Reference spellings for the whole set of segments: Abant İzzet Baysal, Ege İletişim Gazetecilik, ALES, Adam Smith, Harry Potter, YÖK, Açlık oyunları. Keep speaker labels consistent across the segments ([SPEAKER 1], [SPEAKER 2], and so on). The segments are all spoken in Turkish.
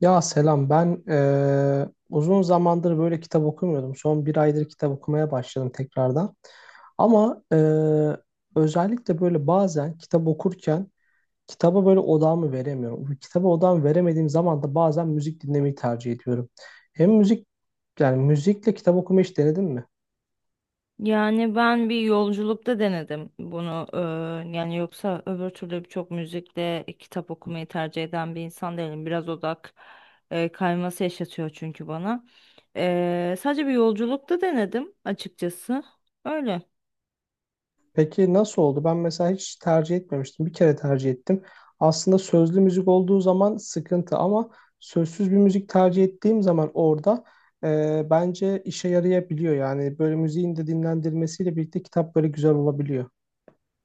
[SPEAKER 1] Ya selam ben uzun zamandır böyle kitap okumuyordum. Son bir aydır kitap okumaya başladım tekrardan. Ama özellikle böyle bazen kitap okurken kitaba böyle odağımı veremiyorum. Bu kitaba odağımı veremediğim zaman da bazen müzik dinlemeyi tercih ediyorum. Hem müzik yani müzikle kitap okumayı hiç denedin mi?
[SPEAKER 2] Yani ben bir yolculukta denedim bunu yani yoksa öbür türlü çok müzikle kitap okumayı tercih eden bir insan değilim. Biraz odak kayması yaşatıyor çünkü bana. Sadece bir yolculukta denedim açıkçası. Öyle.
[SPEAKER 1] Peki nasıl oldu? Ben mesela hiç tercih etmemiştim. Bir kere tercih ettim. Aslında sözlü müzik olduğu zaman sıkıntı ama sözsüz bir müzik tercih ettiğim zaman orada bence işe yarayabiliyor. Yani böyle müziğin de dinlendirmesiyle birlikte kitap böyle güzel olabiliyor.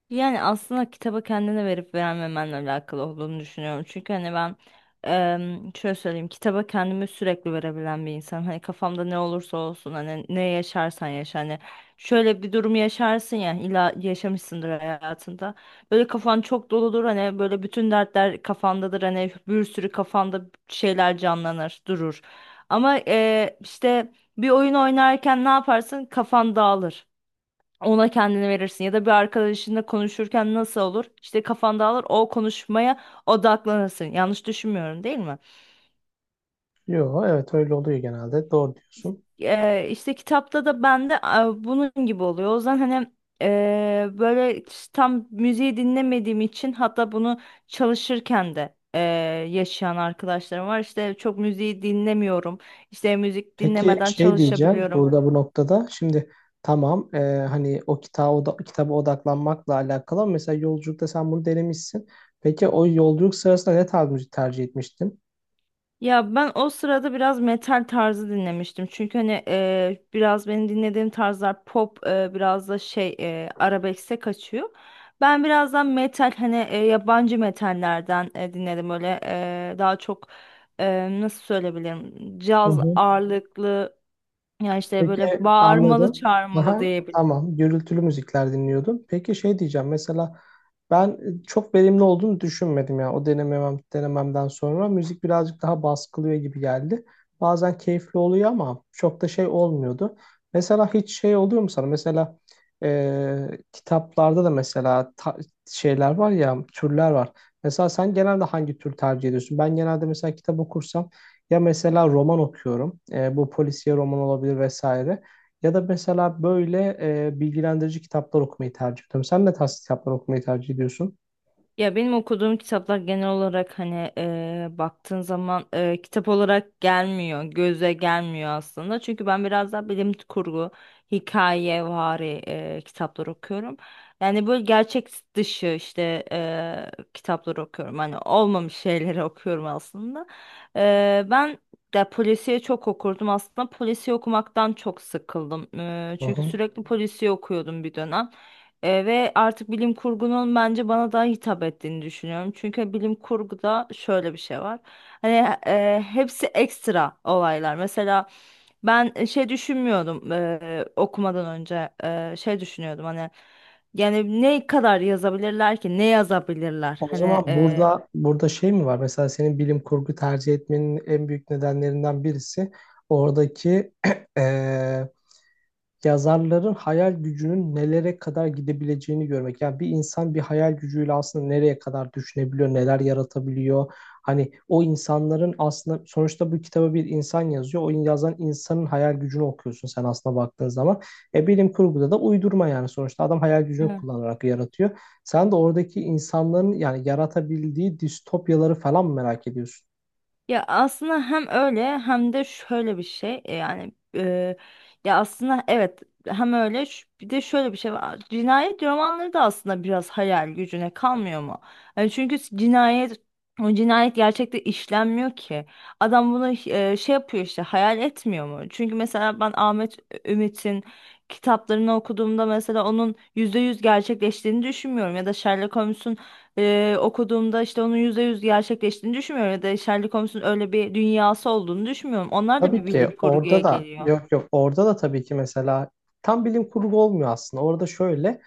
[SPEAKER 2] Yani aslında kitaba kendine verip vermemenle alakalı olduğunu düşünüyorum. Çünkü hani ben şöyle söyleyeyim kitaba kendimi sürekli verebilen bir insan. Hani kafamda ne olursa olsun hani ne yaşarsan yaşa hani şöyle bir durum yaşarsın ya illa yaşamışsındır hayatında. Böyle kafan çok doludur hani böyle bütün dertler kafandadır hani bir sürü kafanda şeyler canlanır durur. Ama işte bir oyun oynarken ne yaparsın kafan dağılır. Ona kendini verirsin ya da bir arkadaşınla konuşurken nasıl olur? İşte kafan dağılır o konuşmaya odaklanırsın. Yanlış düşünmüyorum değil mi?
[SPEAKER 1] Yo, evet öyle oluyor genelde. Doğru diyorsun.
[SPEAKER 2] İşte kitapta da bende bunun gibi oluyor. O yüzden hani böyle tam müziği dinlemediğim için hatta bunu çalışırken de yaşayan arkadaşlarım var. İşte çok müziği dinlemiyorum. İşte müzik
[SPEAKER 1] Peki
[SPEAKER 2] dinlemeden
[SPEAKER 1] şey diyeceğim
[SPEAKER 2] çalışabiliyorum.
[SPEAKER 1] burada bu noktada şimdi tamam hani o kitaba, oda, kitaba odaklanmakla alakalı ama mesela yolculukta sen bunu denemişsin. Peki o yolculuk sırasında ne tarz müzik tercih etmiştin?
[SPEAKER 2] Ya ben o sırada biraz metal tarzı dinlemiştim. Çünkü hani biraz benim dinlediğim tarzlar pop biraz da şey arabeskse kaçıyor. Ben birazdan metal hani yabancı metallerden dinledim. Öyle daha çok nasıl söyleyebilirim
[SPEAKER 1] Hı
[SPEAKER 2] caz
[SPEAKER 1] hı.
[SPEAKER 2] ağırlıklı yani işte
[SPEAKER 1] Peki,
[SPEAKER 2] böyle bağırmalı
[SPEAKER 1] anladım.
[SPEAKER 2] çağırmalı.
[SPEAKER 1] Aha, tamam gürültülü müzikler dinliyordun. Peki şey diyeceğim mesela ben çok verimli olduğunu düşünmedim ya o denememem, denememden sonra müzik birazcık daha baskılıyor gibi geldi. Bazen keyifli oluyor ama çok da şey olmuyordu. Mesela hiç şey oluyor mu sana? Mesela kitaplarda da mesela şeyler var ya türler var. Mesela sen genelde hangi tür tercih ediyorsun? Ben genelde mesela kitap okursam ya mesela roman okuyorum. E, bu polisiye roman olabilir vesaire. Ya da mesela böyle bilgilendirici kitaplar okumayı tercih ediyorum. Sen ne tarz kitaplar okumayı tercih ediyorsun?
[SPEAKER 2] Ya benim okuduğum kitaplar genel olarak hani baktığın zaman kitap olarak gelmiyor, göze gelmiyor aslında. Çünkü ben biraz daha bilim kurgu, hikaye vari kitaplar okuyorum. Yani böyle gerçek dışı işte kitaplar okuyorum. Hani olmamış şeyleri okuyorum aslında. Ben de polisiye çok okurdum. Aslında polisiye okumaktan çok sıkıldım.
[SPEAKER 1] Hı
[SPEAKER 2] Çünkü
[SPEAKER 1] hı.
[SPEAKER 2] sürekli polisiye okuyordum bir dönem. Ve artık bilim kurgunun bence bana daha hitap ettiğini düşünüyorum. Çünkü bilim kurguda şöyle bir şey var. Hani hepsi ekstra olaylar. Mesela ben şey düşünmüyordum okumadan önce şey düşünüyordum hani yani ne kadar yazabilirler ki ne yazabilirler
[SPEAKER 1] O
[SPEAKER 2] hani
[SPEAKER 1] zaman
[SPEAKER 2] e,
[SPEAKER 1] burada şey mi var? Mesela senin bilim kurgu tercih etmenin en büyük nedenlerinden birisi oradaki eee, yazarların hayal gücünün nelere kadar gidebileceğini görmek. Yani bir insan bir hayal gücüyle aslında nereye kadar düşünebiliyor, neler yaratabiliyor. Hani o insanların aslında sonuçta bu kitaba bir insan yazıyor. O yazan insanın hayal gücünü okuyorsun sen aslında baktığın zaman. E, bilim kurguda da uydurma yani sonuçta adam hayal gücünü kullanarak yaratıyor. Sen de oradaki insanların yani yaratabildiği distopyaları falan merak ediyorsun.
[SPEAKER 2] Ya aslında hem öyle hem de şöyle bir şey yani ya aslında evet hem öyle bir de şöyle bir şey var. Cinayet romanları da aslında biraz hayal gücüne kalmıyor mu? Yani çünkü o cinayet gerçekte işlenmiyor ki. Adam bunu şey yapıyor işte hayal etmiyor mu? Çünkü mesela ben Ahmet Ümit'in kitaplarını okuduğumda mesela onun %100 gerçekleştiğini düşünmüyorum ya da Sherlock Holmes'un okuduğumda işte onun %100 gerçekleştiğini düşünmüyorum ya da Sherlock Holmes'un öyle bir dünyası olduğunu düşünmüyorum. Onlar da
[SPEAKER 1] Tabii
[SPEAKER 2] bir bilim
[SPEAKER 1] ki
[SPEAKER 2] kurguya
[SPEAKER 1] orada da
[SPEAKER 2] geliyor.
[SPEAKER 1] yok, orada da tabii ki mesela tam bilim kurgu olmuyor aslında. Orada şöyle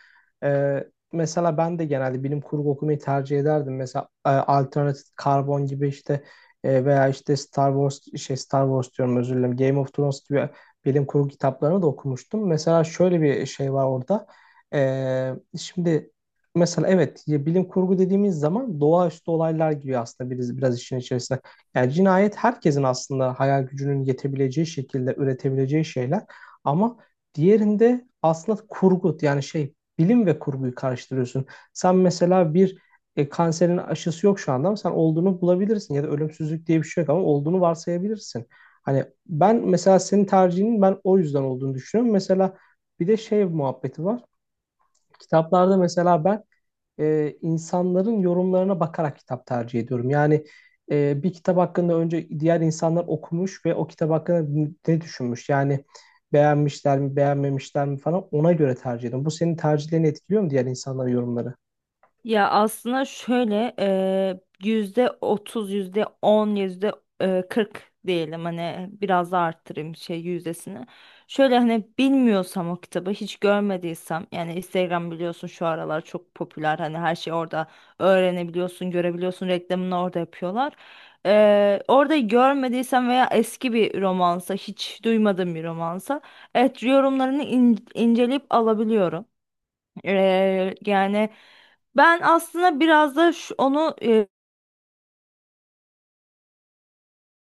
[SPEAKER 1] e, mesela ben de genelde bilim kurgu okumayı tercih ederdim. Mesela Alternative karbon gibi işte veya işte Star Wars Star Wars diyorum, özür dilerim. Game of Thrones gibi bilim kurgu kitaplarını da okumuştum. Mesela şöyle bir şey var orada. E, şimdi mesela evet ya bilim kurgu dediğimiz zaman doğaüstü olaylar gibi aslında biraz işin içerisine. Yani cinayet herkesin aslında hayal gücünün yetebileceği şekilde üretebileceği şeyler. Ama diğerinde aslında kurgu yani şey, bilim ve kurguyu karıştırıyorsun. Sen mesela bir kanserin aşısı yok şu anda ama sen olduğunu bulabilirsin ya da ölümsüzlük diye bir şey yok ama olduğunu varsayabilirsin. Hani ben mesela senin tercihinin ben o yüzden olduğunu düşünüyorum. Mesela bir de şey muhabbeti var. Kitaplarda mesela ben insanların yorumlarına bakarak kitap tercih ediyorum. Yani bir kitap hakkında önce diğer insanlar okumuş ve o kitap hakkında ne düşünmüş? Yani beğenmişler mi, beğenmemişler mi falan ona göre tercih ediyorum. Bu senin tercihlerini etkiliyor mu diğer insanların yorumları?
[SPEAKER 2] Ya aslında şöyle %30, yüzde on, yüzde kırk diyelim hani biraz da arttırayım şey yüzdesini. Şöyle hani bilmiyorsam o kitabı hiç görmediysem yani Instagram biliyorsun şu aralar çok popüler hani her şeyi orada öğrenebiliyorsun, görebiliyorsun reklamını orada yapıyorlar. Orada görmediysem veya eski bir romansa hiç duymadığım bir romansa evet yorumlarını inceleyip alabiliyorum. Yani ben aslında biraz da onu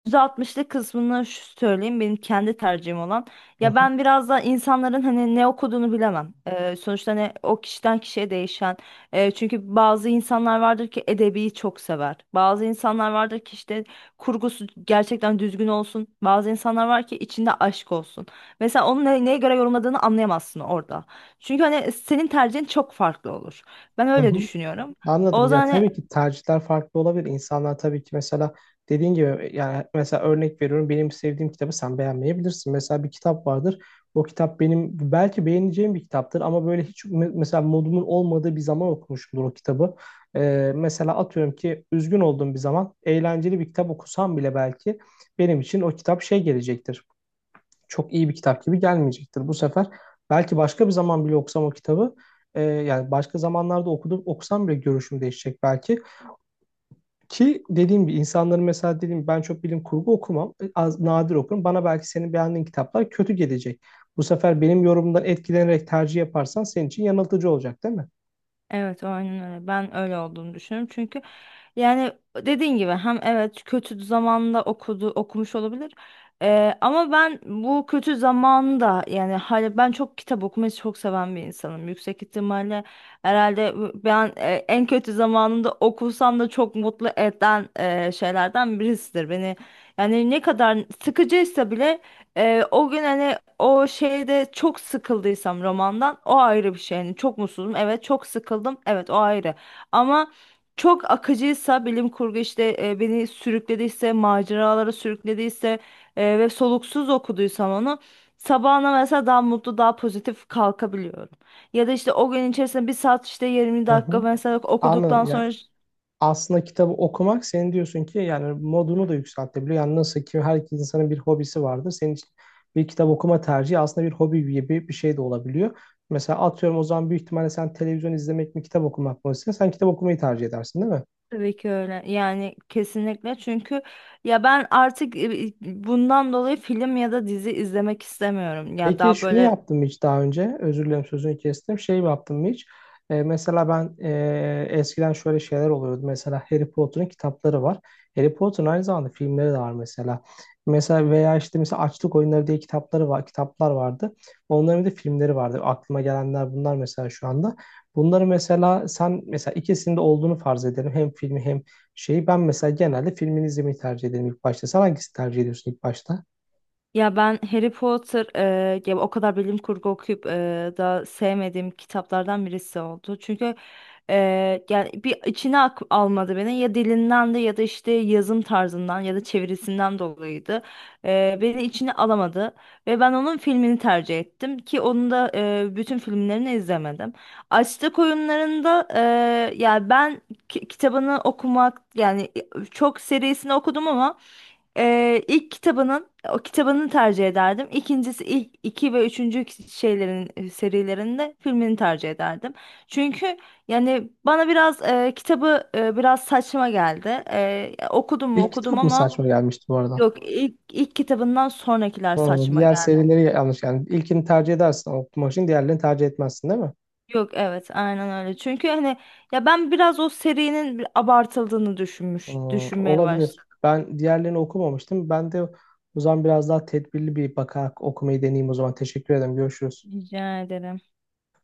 [SPEAKER 2] %60'lık kısmını şu söyleyeyim benim kendi tercihim olan.
[SPEAKER 1] Hı
[SPEAKER 2] Ya
[SPEAKER 1] hı.
[SPEAKER 2] ben biraz da insanların hani ne okuduğunu bilemem. Sonuçta hani o kişiden kişiye değişen. Çünkü bazı insanlar vardır ki edebiyi çok sever. Bazı insanlar vardır ki işte kurgusu gerçekten düzgün olsun. Bazı insanlar var ki içinde aşk olsun. Mesela onun neye göre yorumladığını anlayamazsın orada. Çünkü hani senin tercihin çok farklı olur. Ben
[SPEAKER 1] Hı
[SPEAKER 2] öyle
[SPEAKER 1] hı.
[SPEAKER 2] düşünüyorum. O
[SPEAKER 1] Anladım. Ya
[SPEAKER 2] zaman hani.
[SPEAKER 1] tabii ki tercihler farklı olabilir. İnsanlar tabii ki mesela dediğin gibi yani mesela örnek veriyorum benim sevdiğim kitabı sen beğenmeyebilirsin. Mesela bir kitap vardır. O kitap benim belki beğeneceğim bir kitaptır ama böyle hiç mesela modumun olmadığı bir zaman okumuşumdur o kitabı. Mesela atıyorum ki üzgün olduğum bir zaman eğlenceli bir kitap okusam bile belki benim için o kitap şey gelecektir, çok iyi bir kitap gibi gelmeyecektir bu sefer. Belki başka bir zaman bile okusam o kitabı yani başka zamanlarda okusam bile görüşüm değişecek belki. Ki dediğim gibi insanların mesela dediğim ben çok bilim kurgu okumam. Az, nadir okurum. Bana belki senin beğendiğin kitaplar kötü gelecek. Bu sefer benim yorumumdan etkilenerek tercih yaparsan senin için yanıltıcı olacak değil mi?
[SPEAKER 2] Evet, aynen öyle. Ben öyle olduğunu düşünüyorum. Çünkü yani dediğin gibi hem evet kötü zamanda okumuş olabilir. Ama ben bu kötü zamanda yani hala ben çok kitap okumayı çok seven bir insanım. Yüksek ihtimalle herhalde ben en kötü zamanında okusam da çok mutlu eden şeylerden birisidir. Beni yani ne kadar sıkıcıysa bile o gün hani o şeyde çok sıkıldıysam romandan o ayrı bir şey. Yani çok mutsuzum evet çok sıkıldım evet o ayrı. Ama çok akıcıysa bilim kurgu işte beni sürüklediyse maceralara sürüklediyse ve soluksuz okuduysam onu sabahına mesela daha mutlu daha pozitif kalkabiliyorum. Ya da işte o gün içerisinde bir saat işte 20
[SPEAKER 1] Hı
[SPEAKER 2] dakika
[SPEAKER 1] hı.
[SPEAKER 2] mesela
[SPEAKER 1] Anladım.
[SPEAKER 2] okuduktan
[SPEAKER 1] Yani
[SPEAKER 2] sonra.
[SPEAKER 1] aslında kitabı okumak senin diyorsun ki yani modunu da yükseltebiliyor. Yani nasıl ki her insanın bir hobisi vardır. Senin için bir kitap okuma tercihi aslında bir hobi gibi bir şey de olabiliyor. Mesela atıyorum o zaman büyük ihtimalle sen televizyon izlemek mi kitap okumak mı istiyorsun? Sen kitap okumayı tercih edersin değil mi?
[SPEAKER 2] Tabii ki öyle. Yani kesinlikle çünkü ya ben artık bundan dolayı film ya da dizi izlemek istemiyorum. Yani
[SPEAKER 1] Peki
[SPEAKER 2] daha
[SPEAKER 1] şunu
[SPEAKER 2] böyle.
[SPEAKER 1] yaptım mı hiç daha önce? Özür dilerim, sözünü kestim. Şey mi yaptım mı hiç? E, mesela ben eskiden şöyle şeyler oluyordu. Mesela Harry Potter'ın kitapları var. Harry Potter'ın aynı zamanda filmleri de var mesela. Mesela veya işte mesela Açlık Oyunları diye kitapları var, kitaplar vardı. Onların bir de filmleri vardı. Aklıma gelenler bunlar mesela şu anda. Bunları mesela sen mesela ikisinde olduğunu farz edelim. Hem filmi hem şeyi, ben mesela genelde filmini izlemeyi tercih ederim ilk başta. Sen hangisini tercih ediyorsun ilk başta?
[SPEAKER 2] Ya ben Harry Potter ya o kadar bilim kurgu okuyup da sevmediğim kitaplardan birisi oldu. Çünkü yani bir içine almadı beni ya dilinden de ya da işte yazım tarzından ya da çevirisinden dolayıydı. Beni içine alamadı ve ben onun filmini tercih ettim ki onun da bütün filmlerini izlemedim. Açlık oyunlarında ya ben kitabını okumak yani çok serisini okudum ama ilk kitabının o kitabını tercih ederdim. İkincisi ilk iki ve üçüncü şeylerin serilerinde filmini tercih ederdim. Çünkü yani bana biraz kitabı biraz saçma geldi. Okudum mu
[SPEAKER 1] İlk
[SPEAKER 2] okudum
[SPEAKER 1] kitap mı
[SPEAKER 2] ama.
[SPEAKER 1] saçma gelmişti bu arada?
[SPEAKER 2] Yok, ilk kitabından sonrakiler
[SPEAKER 1] Hı,
[SPEAKER 2] saçma
[SPEAKER 1] diğer
[SPEAKER 2] geldi.
[SPEAKER 1] serileri yanlış yani. İlkini tercih edersin okumak için, diğerlerini tercih etmezsin değil mi?
[SPEAKER 2] Yok evet aynen öyle. Çünkü hani ya ben biraz o serinin bir abartıldığını
[SPEAKER 1] Hmm,
[SPEAKER 2] düşünmeye
[SPEAKER 1] olabilir.
[SPEAKER 2] başladım.
[SPEAKER 1] Ben diğerlerini okumamıştım. Ben de o zaman biraz daha tedbirli bir bakarak okumayı deneyeyim o zaman. Teşekkür ederim. Görüşürüz.
[SPEAKER 2] Rica ederim.